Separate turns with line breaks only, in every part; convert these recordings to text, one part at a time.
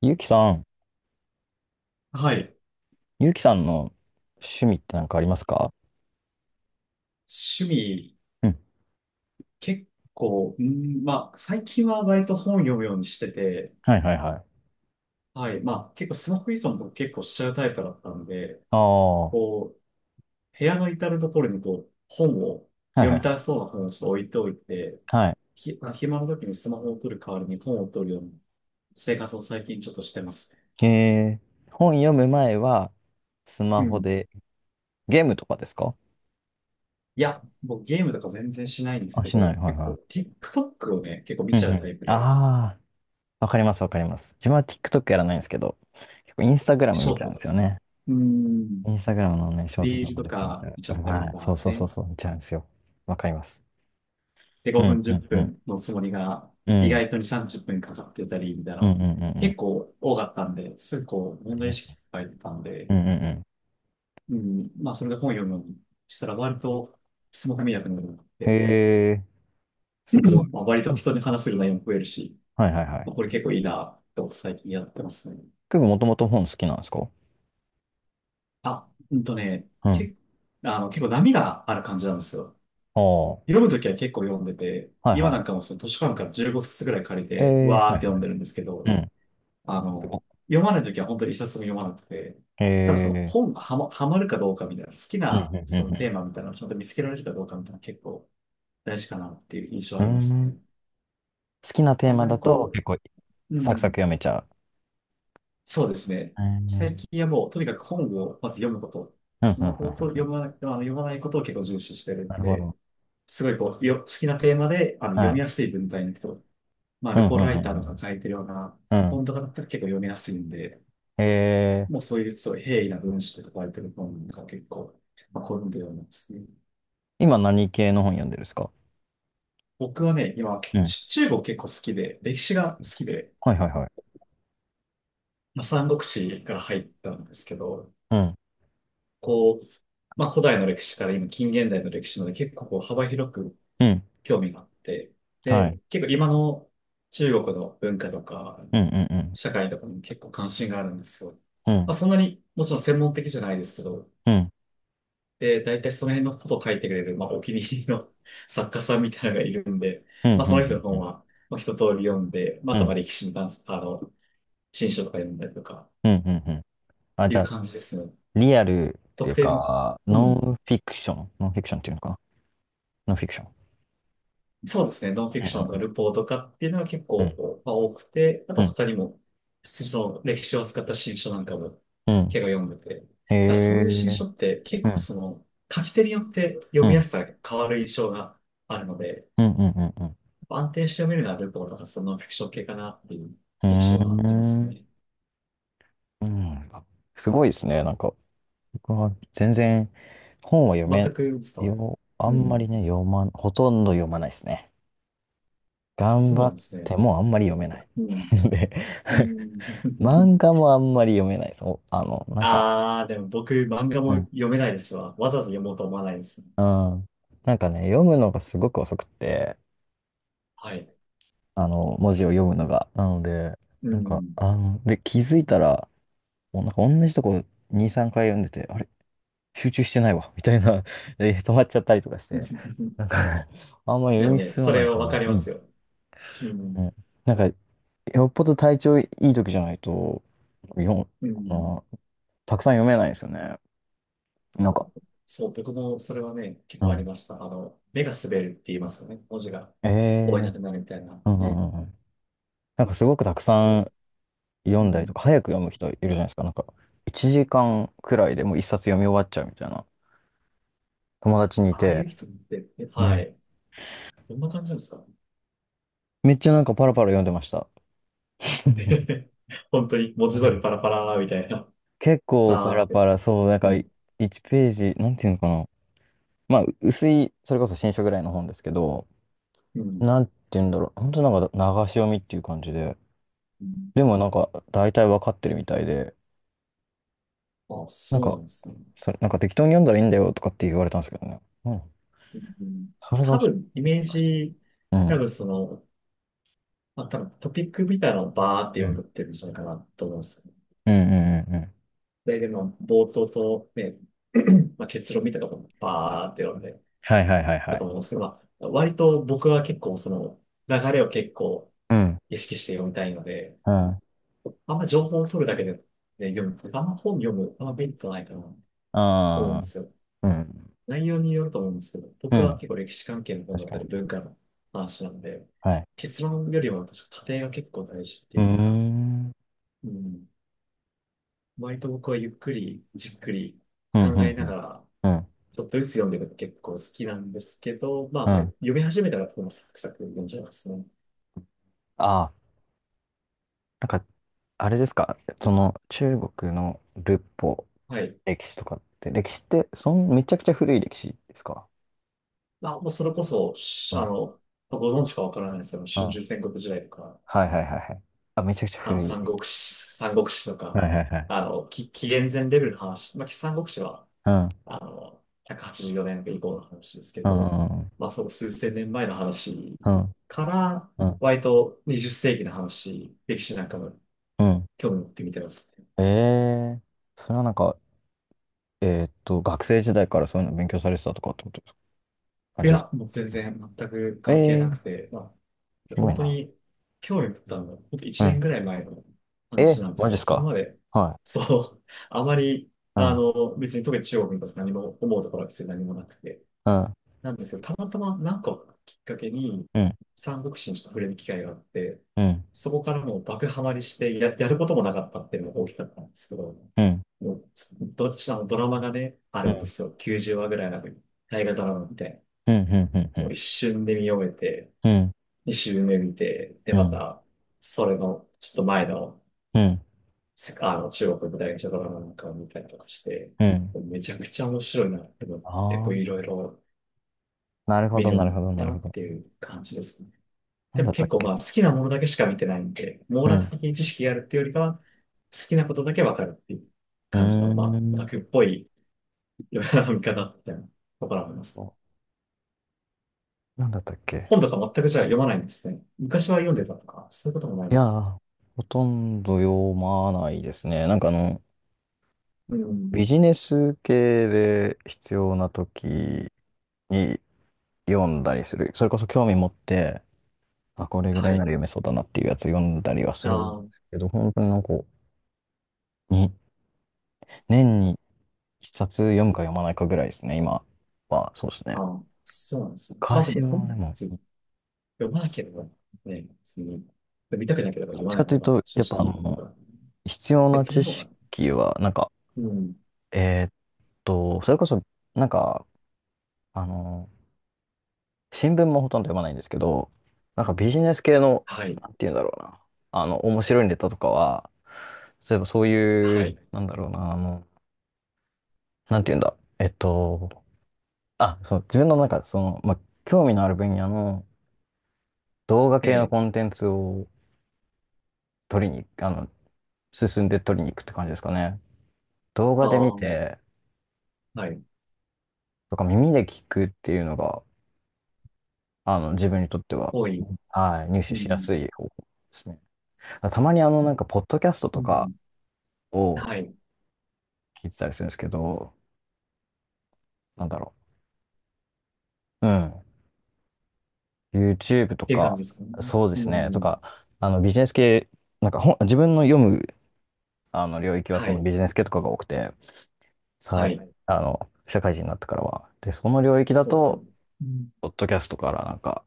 ゆうきさん、
はい。
ゆうきさんの趣味って何かありますか？
趣味、
うん。
結構、うん、まあ、最近は割と本読むようにしてて、
はいはいはい。
はい。結構スマホ依存とか結構しちゃうタイプだったんで、
ああ、は
こ部屋の至るところに
いはい
読
は
み
い。
たそうな本をちょっと置いておいて、
は
ひ、まあ、暇の時にスマホを取る代わりに本を取るような生活を最近ちょっとしてますね。
い。えー、本読む前は、ス
う
マホ
ん。
で、ゲームとかですか？
いや、僕ゲームとか全然しないんです
あ、
け
しない。
ど、
はい
結
は
構 TikTok をね、結構見
い。う
ち
ん
ゃ
う
うタ
ん。
イプで、
ああ、わかりますわかります。自分は TikTok やらないんですけど、結構インスタグラム
ショ
見
ー
ち
ト
ゃうん
と
で
かで
すよ
すね。
ね。
うん。
インスタグラムのね、ショート
リー
動画
ルと
めちゃめちゃ、
か見ち
う
ゃったり
まい。
と
そう
か
そうそう
ね。
そう、見ちゃうんですよ。わかります。
で、
う
5
ん
分、
う
10
んうん。
分のつもりが、
う
意
ん。
外とに30分かかってたり、みたい
うんうん
な、
うんうん。
結構多かったんで、すぐ
あ
問
り
題
ま
意
すね。
識が入ったん
う
で、
んうんうん。
それで本読むのにしたら、割と、スマホ見なくなるなって、
へえ。すごい。
割
う
と
ん
人に話せる内容も増えるし、
はいはいはい。
これ結構いいな、と最近やってますね。
結構もともと本好きなんですか？
あ、うんとね、
うん。
け、あの、結構波がある感じなんですよ。
ああ、は
読むときは結構読んでて、
い
今
は
なんかもその図書館から15冊ぐらい借り
い。
て、
え
わ
ー、
ー
は
っ
いはい。
て読んでるんですけ
う
ど、
ん。
あ
す
の、
ご
読まないときは本当に一冊も読まなくて、
い。
多分その
え
本がはま、はまるかどうかみたいな、好き
ー、うん
な
うん
そのテ
う
ーマみたいなのをちゃんと見つけられるかどうかみたいなの結構大事かなっていう印象
んう
あります
ん。うーん。
ね。
好きなテ
あ
ー
ん
マ
ま
だ
り
と
こ
結構
う、う
サクサク
ん、
読めちゃう。
そうですね。
うん。う
最
ん
近はもうとにかく本をまず読むこと、
うんう
ス
んう
マホを
んう
読
ん
まない、あの読まないことを結構重視してる
な
ん
るほ
で、
ど。
すごいこう、よ、好きなテーマで読
は
み
い。
やすい文体の人、
う
ル
んう
ポライターとか
ん
書いてるような
うんうん。
本とかだったら結構読みやすいんで、
うん。え
もう
ー、
そういうすごい平易な文章とか書いてる本が結構、好んで読んでますね。
今何系の本読んでるんですか？
僕はね、今、
うん。
中国結構好きで、歴史が好きで、
はいはいはい。
三国志から入ったんですけど、
うん。
こう、古代の歴史から今近現代の歴史まで結構幅広く
うん。
興味があって、
は
で、
い。
結構今の中国の文化とか、
うんうん
社会とかにも結構関心があるんですよ。
うん。うん。
そんなにもちろん専門的じゃないですけど、
うん。
で、大体その辺のことを書いてくれる、お気に入りの 作家さんみたいなのがいるんで、
うんうん
その人の
うんう
本
ん。
は、一通り読んで、まあ、
う
あとま
ん
あ歴史に関す、あの、新書とか読んだりとか、
うんうんうん。あ、
い
じゃ
う
あ、
感じですね。
リアルってい
特
う
定の、
か、
う
ノ
ん。
ンフィクション、ノンフィクションっていうのかな？ノンフィクション。
そうですね。ノンフィ
う
クションとか
ん
ルポーとかっていうのは結
う
構、
ん
多くて、あ
う
と
ん。うん。
他にも、その歴史を扱った新書なんかも
うん。
結構読んでて、だか
へ
らそういう新
え。
書って結
う
構
ん。
その、書き手によって読
う
みや
ん。
すさが変わる印象があるので、
うんうんうん
安定して読めるのはルポーとかそのフィクション系かなっていう
う
印
ん。う
象
ー
はあります
ん。
ね。
うん。すごいですね。なんか、僕は全然本は読
全
め、
く伝わる。
よ、あ
う
んまり
ん。
ね、読まん、ほとんど読まないですね。頑
そう
張
な
っ
んですね。
てもあんまり読めない。
う ん。
で、
うん。
漫 画もあんまり読めないです。おあの、なんか、
ああ、でも僕漫画
う
も
ん。
読めないですわ。わざわざ読もうと思わないです。
うんなんかね、読むのがすごく遅くって、
はい。
あの、文字を読むのが。なので、
う
なんか、
ん。
あの、で、気づいたら、もうなんか同じとこ2、3回読んでて、あれ集中してないわ、みたいな、え止まっちゃったりとかして、なんかね、あんまり
で
読
も
み
ね、
進
そ
まな
れ
い
は
か
わか
ら、
り
う
ま
ん、
すよ。う
う
ん。
ん。なんか、よっぽど体調いい時じゃないと、読む、
う
あ
ん。
の、たくさん読めないんですよね。なんか、
そう、僕もそれはね、結
う
構あり
ん。
ました。目が滑るって言いますよね。文字が
え
追え
ー
なくなるみたいな。
うんう
ね。
んうんうん。なんかすごくたくさ
こ
ん読
う
んだりと
ん。
か、早く読む人いるじゃないですか。なんか、1時間くらいでもう1冊読み終わっちゃうみたいな。友達にい
ああい
て、
う人って、は
ね。
い。どんな感じなんですか？
めっちゃなんかパラパラ読んでました。
本当に文
う
字通り
ん
パラパラみたいな。
結構パラ
さーっ
パ
て。
ラ、そう、なん
う
かい
ん。
1ページ、なんていうのかな。まあ、う薄い、それこそ新書ぐらいの本ですけど、
うん。
なんていうんだろう。本当なんか流し読みっていう感じで、
うん。
でもなんか大体わかってるみたいで、
あ、
なん
そう
か、
なんですね。
それ、なんか適当に読んだらいいんだよとかって言われたんですけどね。うん。
うん。
それが
多
ちょっと
分、イメー
難しい。
ジ、
う
多
ん。
分その、まあ、多分トピックみたいなのをバーって
う
読んで
ん
ってるんじゃないかなと思うんですよ。
うんうんうんうん。
で、でも、冒頭とね、結論みたいなところもバーって読んで
はいはいはいは
だと
い。
思うんですけど、割と僕は結構その、流れを結構
うん。
意識して読みたいので、
うん。あ
あんま情報を取るだけで、ね、読む。あんまメリットないかなと思うんで
あ。
すよ。
うん。
内容によると思うんですけど、
う
僕は
ん。
結構歴史関係の本
確
だっ
か
たり
に。
文化の話なんで、
はい。
結論よりも私、過程が結構大事って
うー
い
ん。
うか、
うん、
うん、割と僕はゆっくり、じっくり
うん、
考え
う
な
ん、
がら、
うん。
ちょっとずつ読んでるの結構好きなんですけど、
うん
読み始めたらもサクサク読んじゃいますね。
ああ、なんか、あれですか、その、中国の仏法、
はい。
歴史とかって、歴史って、そん、めちゃくちゃ古い歴史ですか？
もうそれこそ、
う
しあ
ん、
の、ご存知かわからないですけど、
うん。
春
は
秋戦国時代と
い
か、
はいはいはい。あ、めちゃくちゃ
まあの、
古い。
三国志と
はい
か、
はいはい。
紀元前レベルの話、三国志は、
うん、
あの、184年以降の話ですけ
うん、
ど、
うん、
その数千年前の話
うん、
から、
うん。
割と20世紀の話、歴史なんかも
うん
興味持って見てます。
ええー、それはなんか、えーっと、学生時代からそういうの勉強されてたとかってことですか？感
い
じです
や、
か？
もう全然全く
え
関係
え
な
ー、
くて、
すご
本
い
当
な。
に興味を持ったのは、本当
う
1
ん。
年ぐらい前の
えー、
話なんで
マジ
す
で
よ。
す
それ
か？
まで、
は
そう、あまり、
い。うん、
別に特に中国のこと何も思うところは別に何もなくて、
うん、
なんですけど、たまたま何かをきっかけに、
うん。
三国志にちょっと触れる機会があって、
うん、
そこからもう爆ハマりしてやることもなかったっていうのが大きかったんですけど、
うん、
もう、どっちのドラマがね、あ
う
るんで
ん、
すよ。90話ぐらいある。大河ドラマみたい
うん、うん、うん、う
その
ん、
一瞬で見終えて、
うん、
二周目見て、で、また、それの、ちょっと前の、
うん、
せあの、中国の大学者ドラマなんかを見たりとかして、
うん。
めちゃくちゃ面白いなって思って、
あ
こ
あ、
ういろいろ
なるほ
見
ど、
るよ
な
うに
る
なっ
ほど、な
た
る
な
ほど。
っていう感じですね。
な
で
ん
も
だった
結
っ
構
け？
好きなものだけしか見てないんで、網
う
羅
ん、
的に知識があるっていうよりかは、好きなことだけわかるっていう
うー
感じの、オタ
ん、
クっぽい読うな見方みたいなところがありますね。
おなんだったっけ？
本とか全くじゃあ読まないんですね。昔は読んでたとか、そういうこともない
い
ん
や
ですか？
ー、ほとんど読まないですね。なんかあの、
うん。
ビジネス系で必要な時に読んだりする。それこそ興味持って、あ、これぐら
は
いなら
い。
読めそうだなっていうやつ読んだりはす
あ
るんで
ー
すけど、本当になんか、に、年1冊読むか読まないかぐらいですね、今は。そうです
あ
ね。
ー、そうなんですね。まあで
昔
も本
はで
も
も、
ずっと読まなければね、別に見たくなければ
どっ
読ま
ち
な
か
い
とい
の
う
が
と、
正
やっぱあ
直僕
の、
は。
必要
え、
な
と
知
もが、
識は、なんか、
うん。
えーっと、それこそ、なんか、あの、新聞もほとんど読まないんですけど、なんかビジネス系の、
はい。
なんていうんだろうな、あの、面白いネタとかは、例えばそうい
は
う、
い。
なんだろうな、あの、なんていうんだ、えっと、あ、そう、自分の中で、その、まあ、興味のある分野の動画
え
系の
え。
コンテンツを取りに、あの、進んで取りに行くって感じですかね。動
あ
画で見
あ、
て、
はい。
とか耳で聞くっていうのが、あの、自分にとっては、
多い。
はい、入
う
手しや
ん。
すい方法ですね。たまにあの、なんか、ポッドキャスト
う
とか
ん。
を
はい。っ
聞いてたりするんですけど、なんだろう。うん。YouTube と
ていう感
か、
じですかね。
そうで
う
すね。と
ん。
か、あの、ビジネス系、なんか本、自分の読む、あの、領域は
は
その
い。
ビジネス系とかが多くて、さ
は
い、
い。
あの、社会人になってからは。で、その領域だ
そうです
と、
ね。うん。
ポッドキャストからなんか、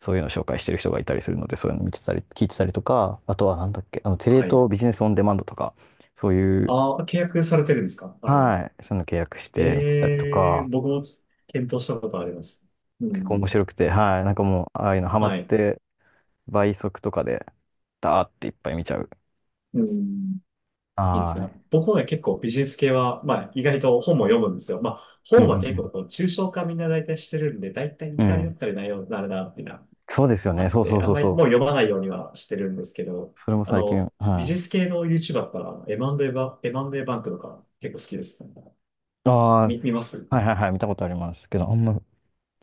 そういうのを紹介してる人がいたりするので、そういうの見てたり、聞いてたりとか、あとはなんだっけ、あの、テレ
はい。
東ビジネスオンデマンドとか、そういう、
ああ、契約されてるんですかあれなの。
はい、そういうの契約して見てたりと
ええ、
か、
僕も検討したことあります。う
結構
ん。
面白くて、はい、なんかもう、ああいうのハマっ
はい。
て、倍速とかで、ダーっていっぱい見ちゃう。
うん。いいです
は
ね。僕もね、結構ビジネス系は、意外と本も読むんですよ。
い。うん
本
う
は結
ん
構こう、抽象化みんな大体してるんで、大体
う
似
ん。う
たり寄っ
ん。
たりなようになるな、っていうのは
そうですよ
あ
ね。
っ
そうそ
て、
う
あん
そう
まり
そ
もう
う。
読まないようにはしてるんですけど、
それも
あ
最
の、
近、
ビジ
は
ネス
い。
系の YouTuber だったら、M&A バンクとか結構好きですね。
あ
見ます。
あ、はいはいはい、見たことありますけど、あんま、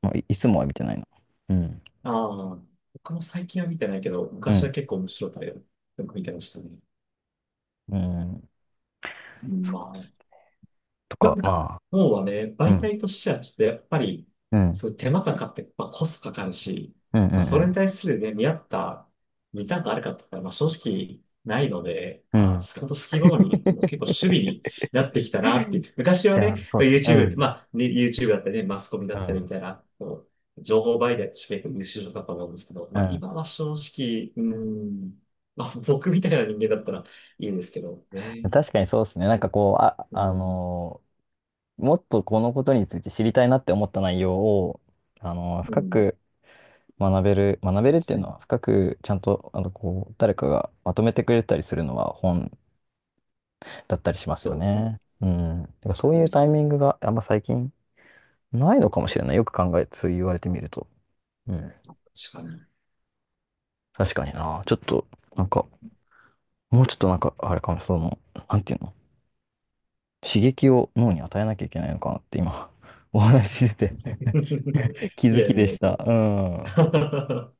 まあ、い、いつもは見てないな。うん。
ああ、僕も最近は見てないけど、
う
昔
ん。
は結構面白いタイトルよく見てましたね。
うん。そ
ま
うっ
あ、
すとか、まあ
もうはね、
う
媒
ん、
体としてはちょっとやっぱり、
うん、
そういう手間かかって、コストかかるし、
うん、う
それ
ん、
に対するね、見合った、見たくあるかって言ったら、正直ないので、
うん。う
あー、
ん。
スカウト好き好みも結構趣味に なってきたなっていう。昔
い
は
や、
ね、
そう
ま
で
あ
すね。う
YouTube、
ん、
YouTube だったりね、マスコミだ
う
ったり
ん。
みたいな、情報媒体として結構優秀だったと思うんですけど、
うん、う
今は正直、うーん、僕みたいな人間だったらいいんですけど
ん。
ね。
確かにそうですね。なんかこう、あ、
う
あ
ん、
のーもっとこのことについて知りたいなって思った内容を、あのー
う
深
ん、
く学べる、学べ
そう
る
で
ってい
す
うの
ね。
は、深くちゃんと、あの、こう、誰かがまとめてくれたりするのは本だったりします
そ
よ
うですね。
ね。うん。だからそう
う
いう
ん、
タイミングがあんま最近ないのかもしれない。よく考えて、そう言われてみると。うん
確かに。
確かにな。ちょっと、なんか、もうちょっとなんか、あれかも、その、なんていうの、刺激を脳に与えなきゃいけないのかなって今、お話ししてて 気
い
づ
や
き
い
で
や
し
い
た。
や。
うん。